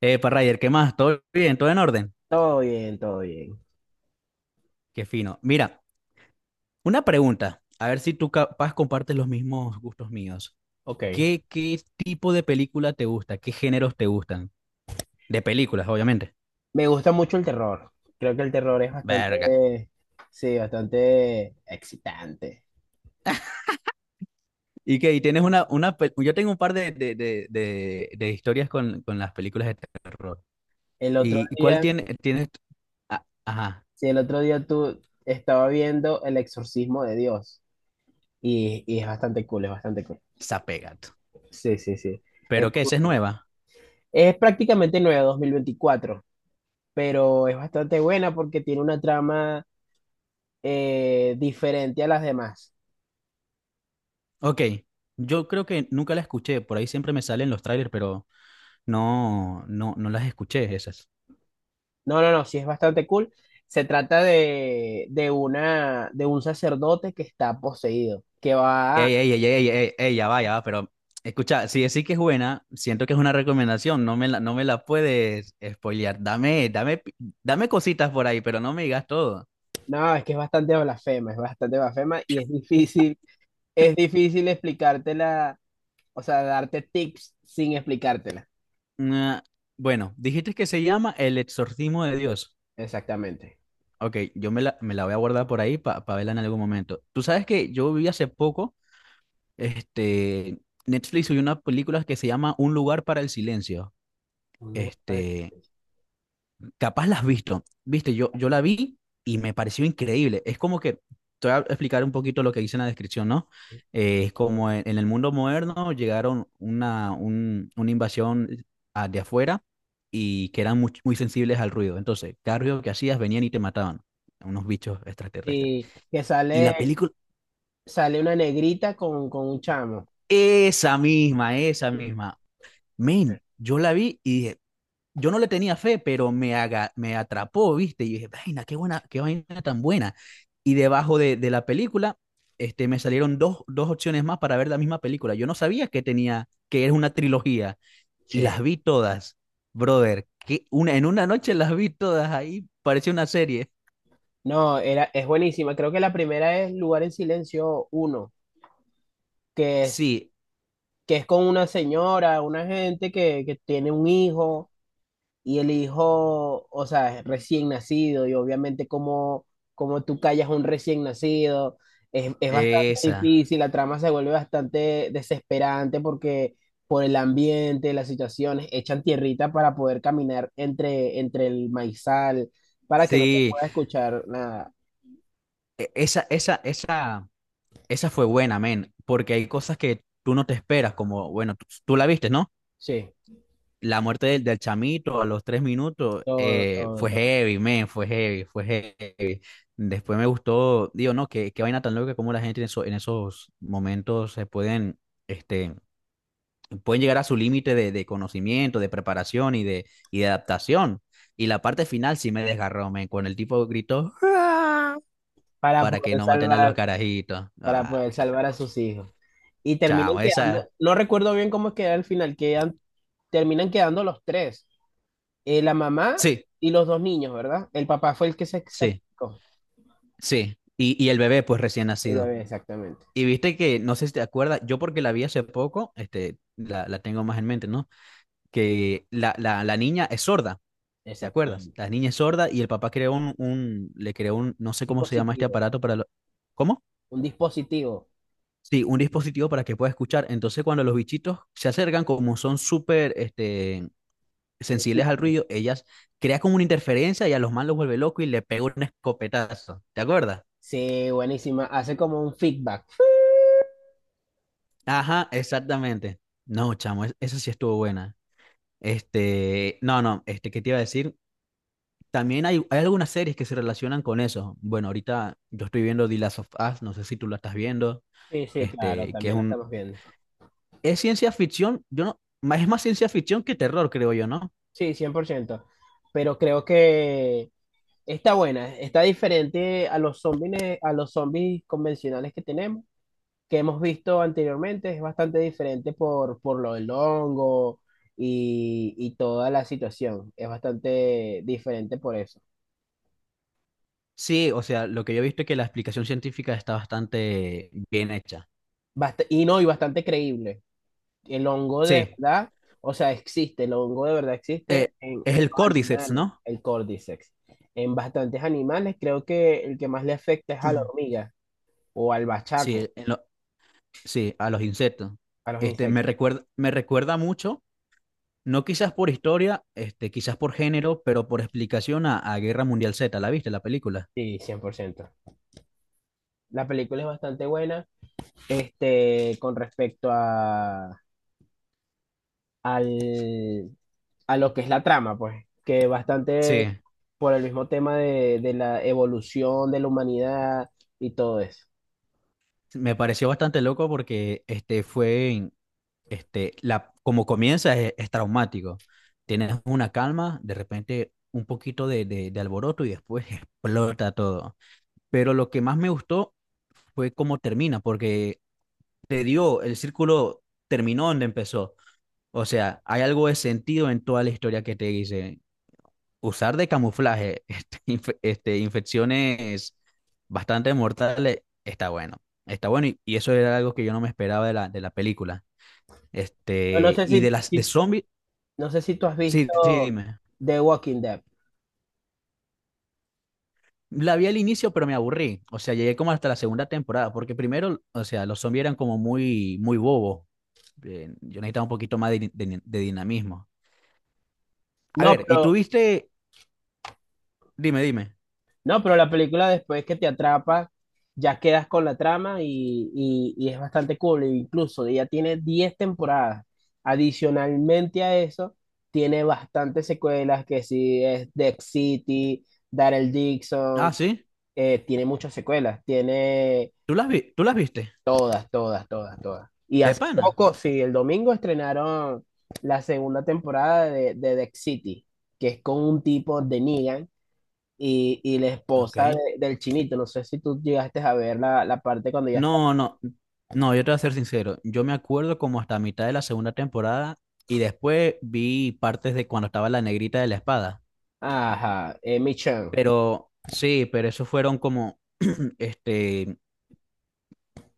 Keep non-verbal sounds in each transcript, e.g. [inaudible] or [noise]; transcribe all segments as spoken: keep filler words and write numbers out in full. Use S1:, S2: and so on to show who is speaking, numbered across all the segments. S1: Epa, Ryder, ¿qué más? ¿Todo bien? ¿Todo en orden?
S2: Todo bien, todo bien.
S1: Qué fino. Mira, una pregunta, a ver si tú capaz compartes los mismos gustos míos.
S2: Ok,
S1: ¿Qué, qué tipo de película te gusta? ¿Qué géneros te gustan? De películas, obviamente.
S2: me gusta mucho el terror. Creo que el terror es
S1: Verga.
S2: bastante, sí, bastante excitante.
S1: ¿Y qué? ¿Y tienes una, una pe-? Yo tengo un par de, de, de, de, de historias con, con las películas de terror.
S2: El otro
S1: ¿Y cuál
S2: día,
S1: tiene, tienes? Ah, ajá,
S2: sí, el otro día tú estaba viendo El Exorcismo de Dios, y, y es bastante cool, es bastante cool.
S1: Zapegato.
S2: Sí, sí, sí. Es
S1: ¿Pero
S2: muy
S1: qué? ¿Esa es
S2: cool.
S1: nueva?
S2: Es prácticamente nueva dos mil veinticuatro, pero es bastante buena porque tiene una trama eh, diferente a las demás.
S1: Ok. Yo creo que nunca la escuché, por ahí siempre me salen los trailers, pero. No, no, no las escuché esas.
S2: No, no, no, sí es bastante cool. Se trata de, de una, de un sacerdote que está poseído, que va,
S1: Ey, ey, ey, ey, ey, ey, ya va, ya va, pero escucha, si decís que es buena, siento que es una recomendación, no me la, no me la puedes spoilear. Dame, dame, pi- dame cositas por ahí, pero no me digas todo.
S2: no, es que es bastante blasfema, es bastante blasfema y es difícil, es difícil explicártela, o sea, darte tips sin explicártela.
S1: Ah, bueno, dijiste que se llama El Exorcismo de Dios.
S2: Exactamente.
S1: Ok, yo me la, me la voy a guardar por ahí para verla en algún momento. Tú sabes que yo vi hace poco, este, Netflix subió una película que se llama Un lugar para el silencio.
S2: Un lugar para-
S1: Este,
S2: despedirse.
S1: Capaz las has visto. Viste, yo, yo la vi y me pareció increíble. Es como que, te voy a explicar un poquito lo que dice en la descripción, ¿no? Eh, es como en, en el mundo moderno llegaron una, un- una invasión a- de afuera y que eran muy, muy sensibles al ruido. Entonces, cada ruido que hacías venían y te mataban. Unos bichos extraterrestres.
S2: Y que
S1: Y la
S2: sale,
S1: película,
S2: sale una negrita con, con un chamo.
S1: esa misma, esa misma. Men, yo la vi y dije, yo no le tenía fe, pero me, haga, me atrapó, ¿viste? Y dije, vaina, qué buena, qué vaina tan buena. Y debajo de, de la película, este, me salieron dos, dos opciones más para ver la misma película. Yo no sabía que tenía, que era una trilogía, y las
S2: Che,
S1: vi todas, brother. Que una, en una noche las vi todas ahí, parecía una serie.
S2: no, era, es buenísima. Creo que la primera es Lugar en Silencio uno, que
S1: Sí,
S2: que es con una señora, una gente que, que tiene un hijo y el hijo, o sea, es recién nacido y obviamente como, como tú callas a un recién nacido, es, es bastante
S1: esa,
S2: difícil, la trama se vuelve bastante desesperante porque por el ambiente, las situaciones, echan tierrita para poder caminar entre, entre el maizal, para que no se
S1: sí,
S2: pueda escuchar nada.
S1: e- esa, esa, esa, esa fue buena, men, porque hay cosas que tú no te esperas, como, bueno, tú, tú la viste, ¿no?
S2: Sí,
S1: La muerte del, del chamito a los tres minutos
S2: todo,
S1: eh,
S2: todo,
S1: fue
S2: todo.
S1: heavy, man, fue heavy, fue heavy. Después me gustó, digo, no, qué, qué vaina tan loca como la gente en, eso- en esos momentos se pueden, este, pueden llegar a su límite de, de conocimiento, de preparación y de, y de adaptación. Y la parte final sí me desgarró, man, cuando el tipo gritó "¡Ah!",
S2: Para
S1: para que
S2: poder
S1: no maten a los
S2: salvar,
S1: carajitos.
S2: para
S1: Ah,
S2: poder
S1: chao,
S2: salvar a sus hijos. Y terminan
S1: chao, esa,
S2: quedando, no recuerdo bien cómo queda el final, quedan, terminan quedando los tres, eh, la mamá
S1: sí,
S2: y los dos niños, ¿verdad? El papá fue el que se
S1: sí,
S2: sacrificó,
S1: sí. Y, y el bebé, pues recién
S2: el
S1: nacido.
S2: bebé, exactamente,
S1: Y viste que, no sé si te acuerdas, yo porque la vi hace poco, este, la, la tengo más en mente, ¿no? Que la, la, la niña es sorda, ¿te acuerdas?
S2: exactamente.
S1: La niña es sorda y el papá creó un, un, le creó un, no sé cómo se llama este
S2: Dispositivo,
S1: aparato para lo-. ¿Cómo?
S2: un dispositivo,
S1: Sí, un dispositivo para que pueda escuchar. Entonces, cuando los bichitos se acercan, como son súper, este, sensibles al
S2: sencillo.
S1: ruido, ellas crean como una interferencia y a los malos los vuelve loco y le pega un escopetazo. ¿Te acuerdas?
S2: Sí, buenísima, hace como un feedback.
S1: Ajá, exactamente. No, chamo, es- esa sí estuvo buena. Este, no, no, este, ¿qué te iba a decir? También hay, hay algunas series que se relacionan con eso. Bueno, ahorita yo estoy viendo The Last of Us, no sé si tú la estás viendo,
S2: Sí, sí, claro,
S1: este, que es
S2: también la
S1: un,
S2: estamos viendo.
S1: es ciencia ficción, yo no, ma- es más ciencia ficción que terror, creo yo, ¿no?
S2: Sí, cien por ciento, pero creo que está buena, está diferente a los zombies, a los zombies convencionales que tenemos, que hemos visto anteriormente. Es bastante diferente por, por lo del hongo y, y toda la situación. Es bastante diferente por eso.
S1: Sí, o sea, lo que yo he visto es que la explicación científica está bastante bien hecha.
S2: Bast- y no, y bastante creíble. El hongo de
S1: Sí,
S2: verdad, o sea, existe, el hongo de verdad
S1: eh,
S2: existe en,
S1: es
S2: en
S1: el
S2: los
S1: Cordyceps,
S2: animales,
S1: ¿no?
S2: el Cordyceps. En bastantes animales, creo que el que más le afecta es a la
S1: [clears throat]
S2: hormiga o al
S1: Sí,
S2: bachaco,
S1: en lo- sí, a los insectos.
S2: a los
S1: Este, me
S2: insectos.
S1: recuerda, me recuerda mucho, no quizás por historia, este, quizás por género, pero por explicación a, a Guerra Mundial Z, ¿la viste la película?
S2: Sí, cien por ciento. La película es bastante buena, este, con respecto a, al, a lo que es la trama, pues, que bastante
S1: Sí,
S2: por el mismo tema de, de la evolución de la humanidad y todo eso.
S1: me pareció bastante loco porque este fue en- este la como comienza es, es traumático. Tienes una calma, de repente un poquito de, de, de alboroto y después [laughs] explota todo. Pero lo que más me gustó fue cómo termina, porque te dio, el círculo terminó donde empezó. O sea, hay algo de sentido en toda la historia que te dice. Usar de camuflaje [laughs] este, inf- este, infecciones bastante mortales está bueno. Está bueno y, y eso era algo que yo no me esperaba de la, de la película.
S2: No, no
S1: Este,
S2: sé
S1: y de
S2: si,
S1: las de
S2: si-
S1: zombies,
S2: no sé si tú has
S1: sí, sí,
S2: visto
S1: dime.
S2: The Walking Dead.
S1: La vi al inicio, pero me aburrí. O sea, llegué como hasta la segunda temporada, porque primero, o sea, los zombies eran como muy, muy bobos. Eh, yo necesitaba un poquito más de, din- de din- de dinamismo. A
S2: No,
S1: ver, ¿y tú
S2: pero,
S1: viste? Dime, dime.
S2: no, pero la película después que te atrapa, ya quedas con la trama y, y- y es bastante cool. E incluso ya tiene diez temporadas. Adicionalmente a eso, tiene bastantes secuelas que sí es Dead City, Daryl
S1: Ah,
S2: Dixon,
S1: sí.
S2: eh, tiene muchas secuelas, tiene
S1: ¿Tú las vi- tú las viste?
S2: todas, todas, todas, todas. Y
S1: De
S2: hace
S1: pana.
S2: poco, sí, el domingo estrenaron la segunda temporada de, de Dex City, que es con un tipo de Negan y, y la esposa
S1: Ok.
S2: de- del chinito. No sé si tú llegaste a ver la, la parte cuando ya está.
S1: No, no, no, yo te voy a ser sincero. Yo me acuerdo como hasta mitad de la segunda temporada y después vi partes de cuando estaba la negrita de la espada.
S2: Ajá, eh, Michan.
S1: Pero sí, pero eso fueron como [clears throat] este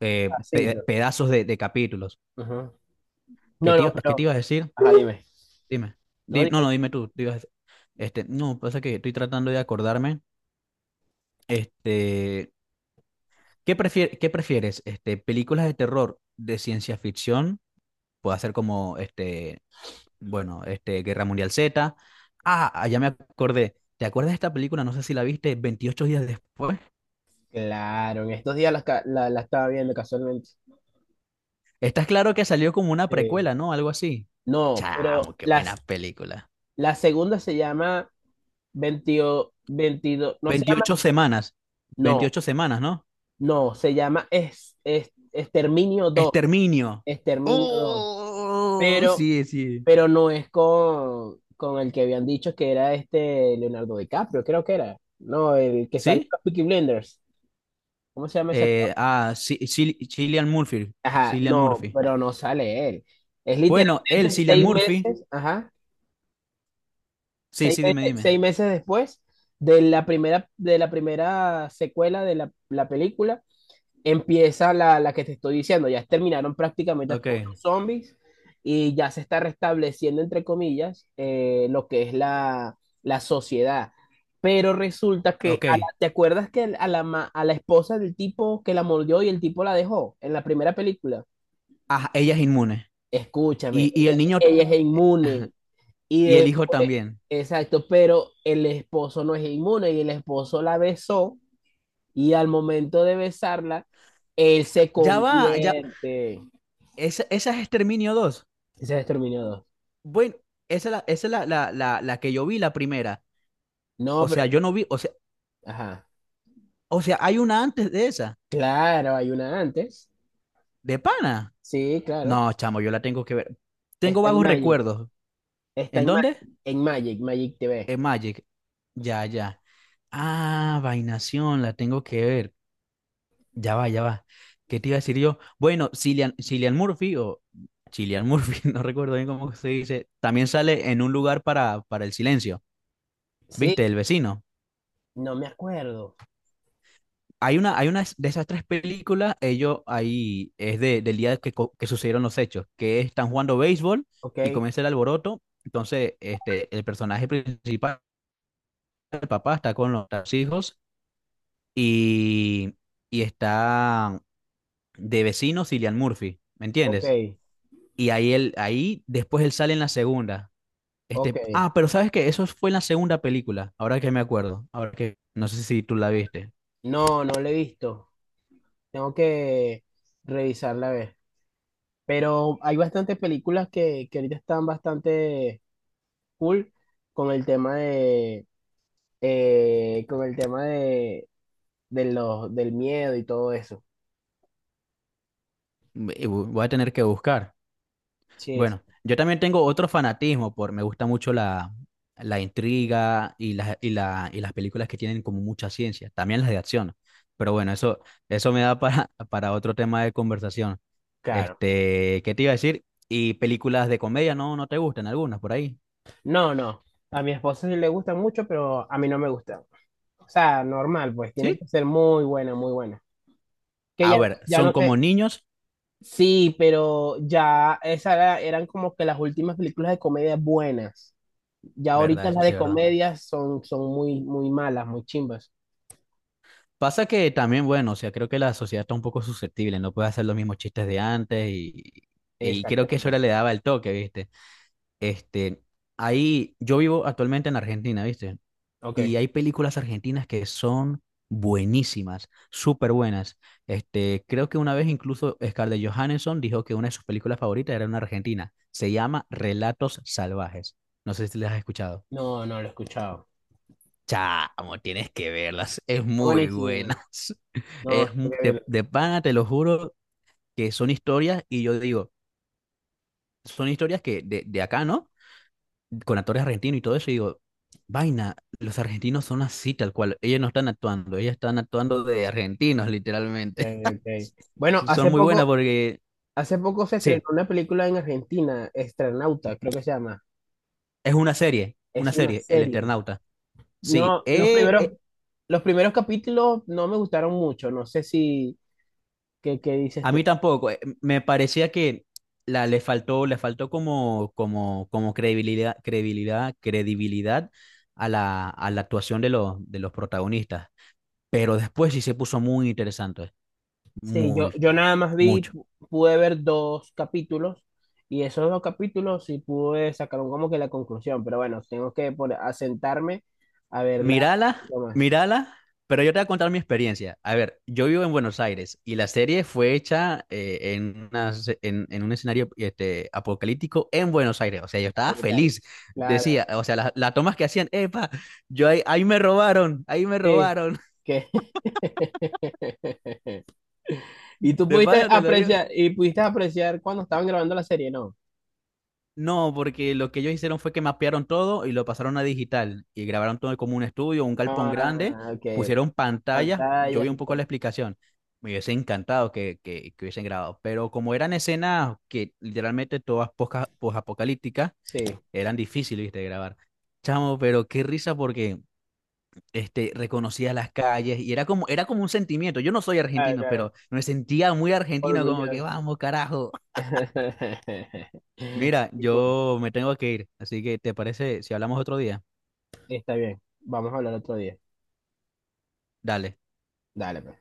S1: eh,
S2: Así. Tú.
S1: pe- pedazos de, de capítulos.
S2: Ajá.
S1: ¿Qué
S2: No, no,
S1: te, iba- qué te
S2: pero.
S1: ibas a decir?
S2: Ajá, dime.
S1: Dime.
S2: No,
S1: Di- no,
S2: dime.
S1: no, dime tú. Te ibas a. Este, no, pasa que estoy tratando de acordarme. Este, ¿Qué prefier- qué prefieres? Este, películas de terror de ciencia ficción, puede ser como este Bueno, este, Guerra Mundial Z. Ah, ah, ya me acordé. ¿Te acuerdas de esta película? No sé si la viste, Veintiocho días después.
S2: Claro, en estos días la, ca- la- la estaba viendo casualmente.
S1: Estás claro que salió como una
S2: Sí.
S1: precuela, ¿no? Algo así.
S2: No, pero
S1: Chamo, qué
S2: las,
S1: buena película.
S2: la segunda se llama veintidós, veintidós no se llama,
S1: Veintiocho semanas.
S2: no,
S1: Veintiocho semanas, ¿no?
S2: no, se llama es, es, Exterminio dos.
S1: Exterminio.
S2: Exterminio dos,
S1: Oh,
S2: pero,
S1: sí, sí.
S2: pero no es con, con el que habían dicho que era este Leonardo DiCaprio, creo que era, no, el que sale en
S1: ¿Sí?
S2: los Peaky Blinders, ¿cómo se llama ese actor?
S1: Eh, ah, sí, sí, Cillian Murphy.
S2: Ajá,
S1: Cillian
S2: no,
S1: Murphy.
S2: pero no sale él, es
S1: Bueno, él,
S2: literalmente
S1: Cillian
S2: seis
S1: Murphy.
S2: meses, ajá,
S1: Sí,
S2: seis
S1: sí, dime,
S2: meses,
S1: dime.
S2: seis meses después de la primera, de la primera secuela de la, la película empieza la, la que te estoy diciendo, ya terminaron prácticamente
S1: Ok,
S2: todos los zombies y ya se está restableciendo, entre comillas, eh, lo que es la, la sociedad. Pero resulta que,
S1: ok.
S2: a la- ¿te acuerdas que a la, ma- a la esposa del tipo que la mordió y el tipo la dejó en la primera película?
S1: Ah, ella es inmune.
S2: Escúchame,
S1: Y, y el
S2: ella,
S1: niño.
S2: ella es inmune y
S1: Y el hijo
S2: después,
S1: también.
S2: exacto, pero el esposo no es inmune y el esposo la besó y al momento de besarla, él se
S1: Ya va, ya.
S2: convierte.
S1: Esa, esa es Exterminio dos.
S2: Ese es Exterminio dos.
S1: Bueno, esa es la, esa es la, la, la, la que yo vi, la primera.
S2: No,
S1: O
S2: pero,
S1: sea, yo no vi, o sea,
S2: ajá,
S1: o sea, hay una antes de esa,
S2: claro, hay una antes.
S1: de pana.
S2: Sí, claro.
S1: No, chamo, yo la tengo que ver. Tengo
S2: Está en
S1: vagos
S2: Magic,
S1: recuerdos.
S2: está
S1: ¿En
S2: en
S1: dónde?
S2: Magic, en Magic, Magic T V.
S1: En Magic. Ya, ya. Ah, Vainación, la tengo que ver. Ya va, ya va. ¿Qué te iba a decir yo? Bueno, Cillian, Cillian Murphy o Cillian Murphy, [laughs] no recuerdo bien cómo se dice, también sale en un lugar para, para el silencio.
S2: Sí,
S1: ¿Viste? El vecino.
S2: no me acuerdo.
S1: Hay una, hay una de esas tres películas, ellos ahí es de, del día que, co- que sucedieron los hechos, que están jugando béisbol
S2: Ok,
S1: y comienza el alboroto. Entonces, este, el personaje principal, el papá, está con los, los hijos y, y está de vecino Cillian Murphy, ¿me
S2: ok,
S1: entiendes? Y ahí, él, ahí después él sale en la segunda.
S2: ok.
S1: Este, ah, pero sabes que eso fue en la segunda película, ahora que me acuerdo, ahora que no sé si tú la viste.
S2: No, no lo he visto. Tengo que revisarla a ver. Pero hay bastantes películas que, que ahorita están bastante cool con el tema de eh, con el tema de, de los, del miedo y todo eso.
S1: Eh, Voy a tener que buscar.
S2: Sí, es-
S1: Bueno, yo también tengo otro fanatismo por, me gusta mucho la, la intriga y las, y la, y las películas que tienen como mucha ciencia, también las de acción. Pero bueno, eso, eso me da para, [laughs] para otro tema de conversación.
S2: Claro.
S1: Este, ¿qué te iba a decir? Y películas de comedia, no, no te gustan algunas por ahí.
S2: No, no. A mi esposa sí le gusta mucho, pero a mí no me gusta. O sea, normal, pues tiene
S1: ¿Sí?
S2: que ser muy buena, muy buena. Que
S1: A
S2: ya,
S1: ver,
S2: ya
S1: son
S2: no
S1: como
S2: sé.
S1: niños,
S2: Sí, pero ya esas era- eran como que las últimas películas de comedia buenas. Ya
S1: ¿verdad?
S2: ahorita
S1: Eso
S2: las
S1: sí
S2: de
S1: es verdad.
S2: comedia son, son muy, muy malas, muy chimbas.
S1: Pasa que también, bueno, o sea, creo que la sociedad está un poco susceptible, no puede hacer los mismos chistes de antes y, y creo que eso
S2: Exactamente.
S1: le daba el toque, ¿viste? Este, Ahí yo vivo actualmente en Argentina, ¿viste?
S2: Ok.
S1: Y hay películas argentinas que son buenísimas, súper buenas. Este, creo que una vez incluso Scarlett Johansson dijo que una de sus películas favoritas era una argentina. Se llama Relatos Salvajes. No sé si las has escuchado.
S2: No, no lo he escuchado.
S1: Chamo, tienes que verlas. Es
S2: Es
S1: muy
S2: buenísimo.
S1: buenas. [laughs]
S2: No,
S1: Es, mu-
S2: tengo que
S1: de,
S2: verlo.
S1: de pana, te lo juro, que son historias y yo digo, son historias que de, de acá, ¿no? Con actores argentinos y todo eso, y digo, vaina, los argentinos son así tal cual, ellos no están actuando, ellos están actuando de argentinos,
S2: Ok,
S1: literalmente. [laughs]
S2: ok. Bueno,
S1: Son
S2: hace
S1: muy buenas
S2: poco,
S1: porque,
S2: Hace poco se estrenó
S1: sí,
S2: una película en Argentina, Estrenauta, creo que se llama.
S1: es una serie, una
S2: Es una
S1: serie, El
S2: serie.
S1: Eternauta. Sí,
S2: No, los
S1: eh,
S2: primeros,
S1: eh,
S2: los primeros capítulos no me gustaron mucho. No sé si, ¿qué, qué dices
S1: a mí
S2: tú?
S1: tampoco, eh, me parecía que la, le faltó, le faltó como, como, como credibilidad, credibilidad, credibilidad a la, a la actuación de los, de los protagonistas. Pero después sí se puso muy interesante,
S2: Sí, yo,
S1: muy,
S2: yo nada más vi,
S1: mucho.
S2: pu- pude ver dos capítulos y esos dos capítulos sí pude sacar un- como que la conclusión. Pero bueno, tengo que poner- asentarme a verla un
S1: Mírala,
S2: poquito más.
S1: mírala, pero yo te voy a contar mi experiencia. A ver, yo vivo en Buenos Aires y la serie fue hecha eh, en, una se- en, en un escenario este, apocalíptico en Buenos Aires. O sea, yo
S2: Ah,
S1: estaba
S2: brutal.
S1: feliz.
S2: Claro.
S1: Decía, o sea, las las tomas que hacían, epa, yo ahí, ahí me robaron, ahí me
S2: Sí.
S1: robaron. [laughs]
S2: Que... [laughs] Y tú
S1: De
S2: pudiste
S1: pana te lo digo.
S2: apreciar, y pudiste apreciar cuando estaban grabando la serie, ¿no?
S1: No, porque lo que ellos hicieron fue que mapearon todo y lo pasaron a digital y grabaron todo como un estudio, un galpón grande,
S2: Ah, ok, ok.
S1: pusieron pantallas, yo vi
S2: Pantallas
S1: un
S2: y
S1: poco la
S2: todo.
S1: explicación, me hubiese encantado que, que, que hubiesen grabado, pero como eran escenas que literalmente todas posca- posapocalípticas,
S2: Sí.
S1: eran difíciles, ¿viste?, de grabar. Chamo, pero qué risa porque este, reconocía las calles y era como, era como un sentimiento, yo no soy
S2: Claro,
S1: argentino,
S2: claro.
S1: pero me sentía muy argentino como que
S2: Orgulloso.
S1: vamos carajo.
S2: [laughs]
S1: Mira,
S2: Qué cool.
S1: yo me tengo que ir, así que ¿te parece si hablamos otro día?
S2: Está bien. Vamos a hablar otro día.
S1: Dale.
S2: Dale, pues.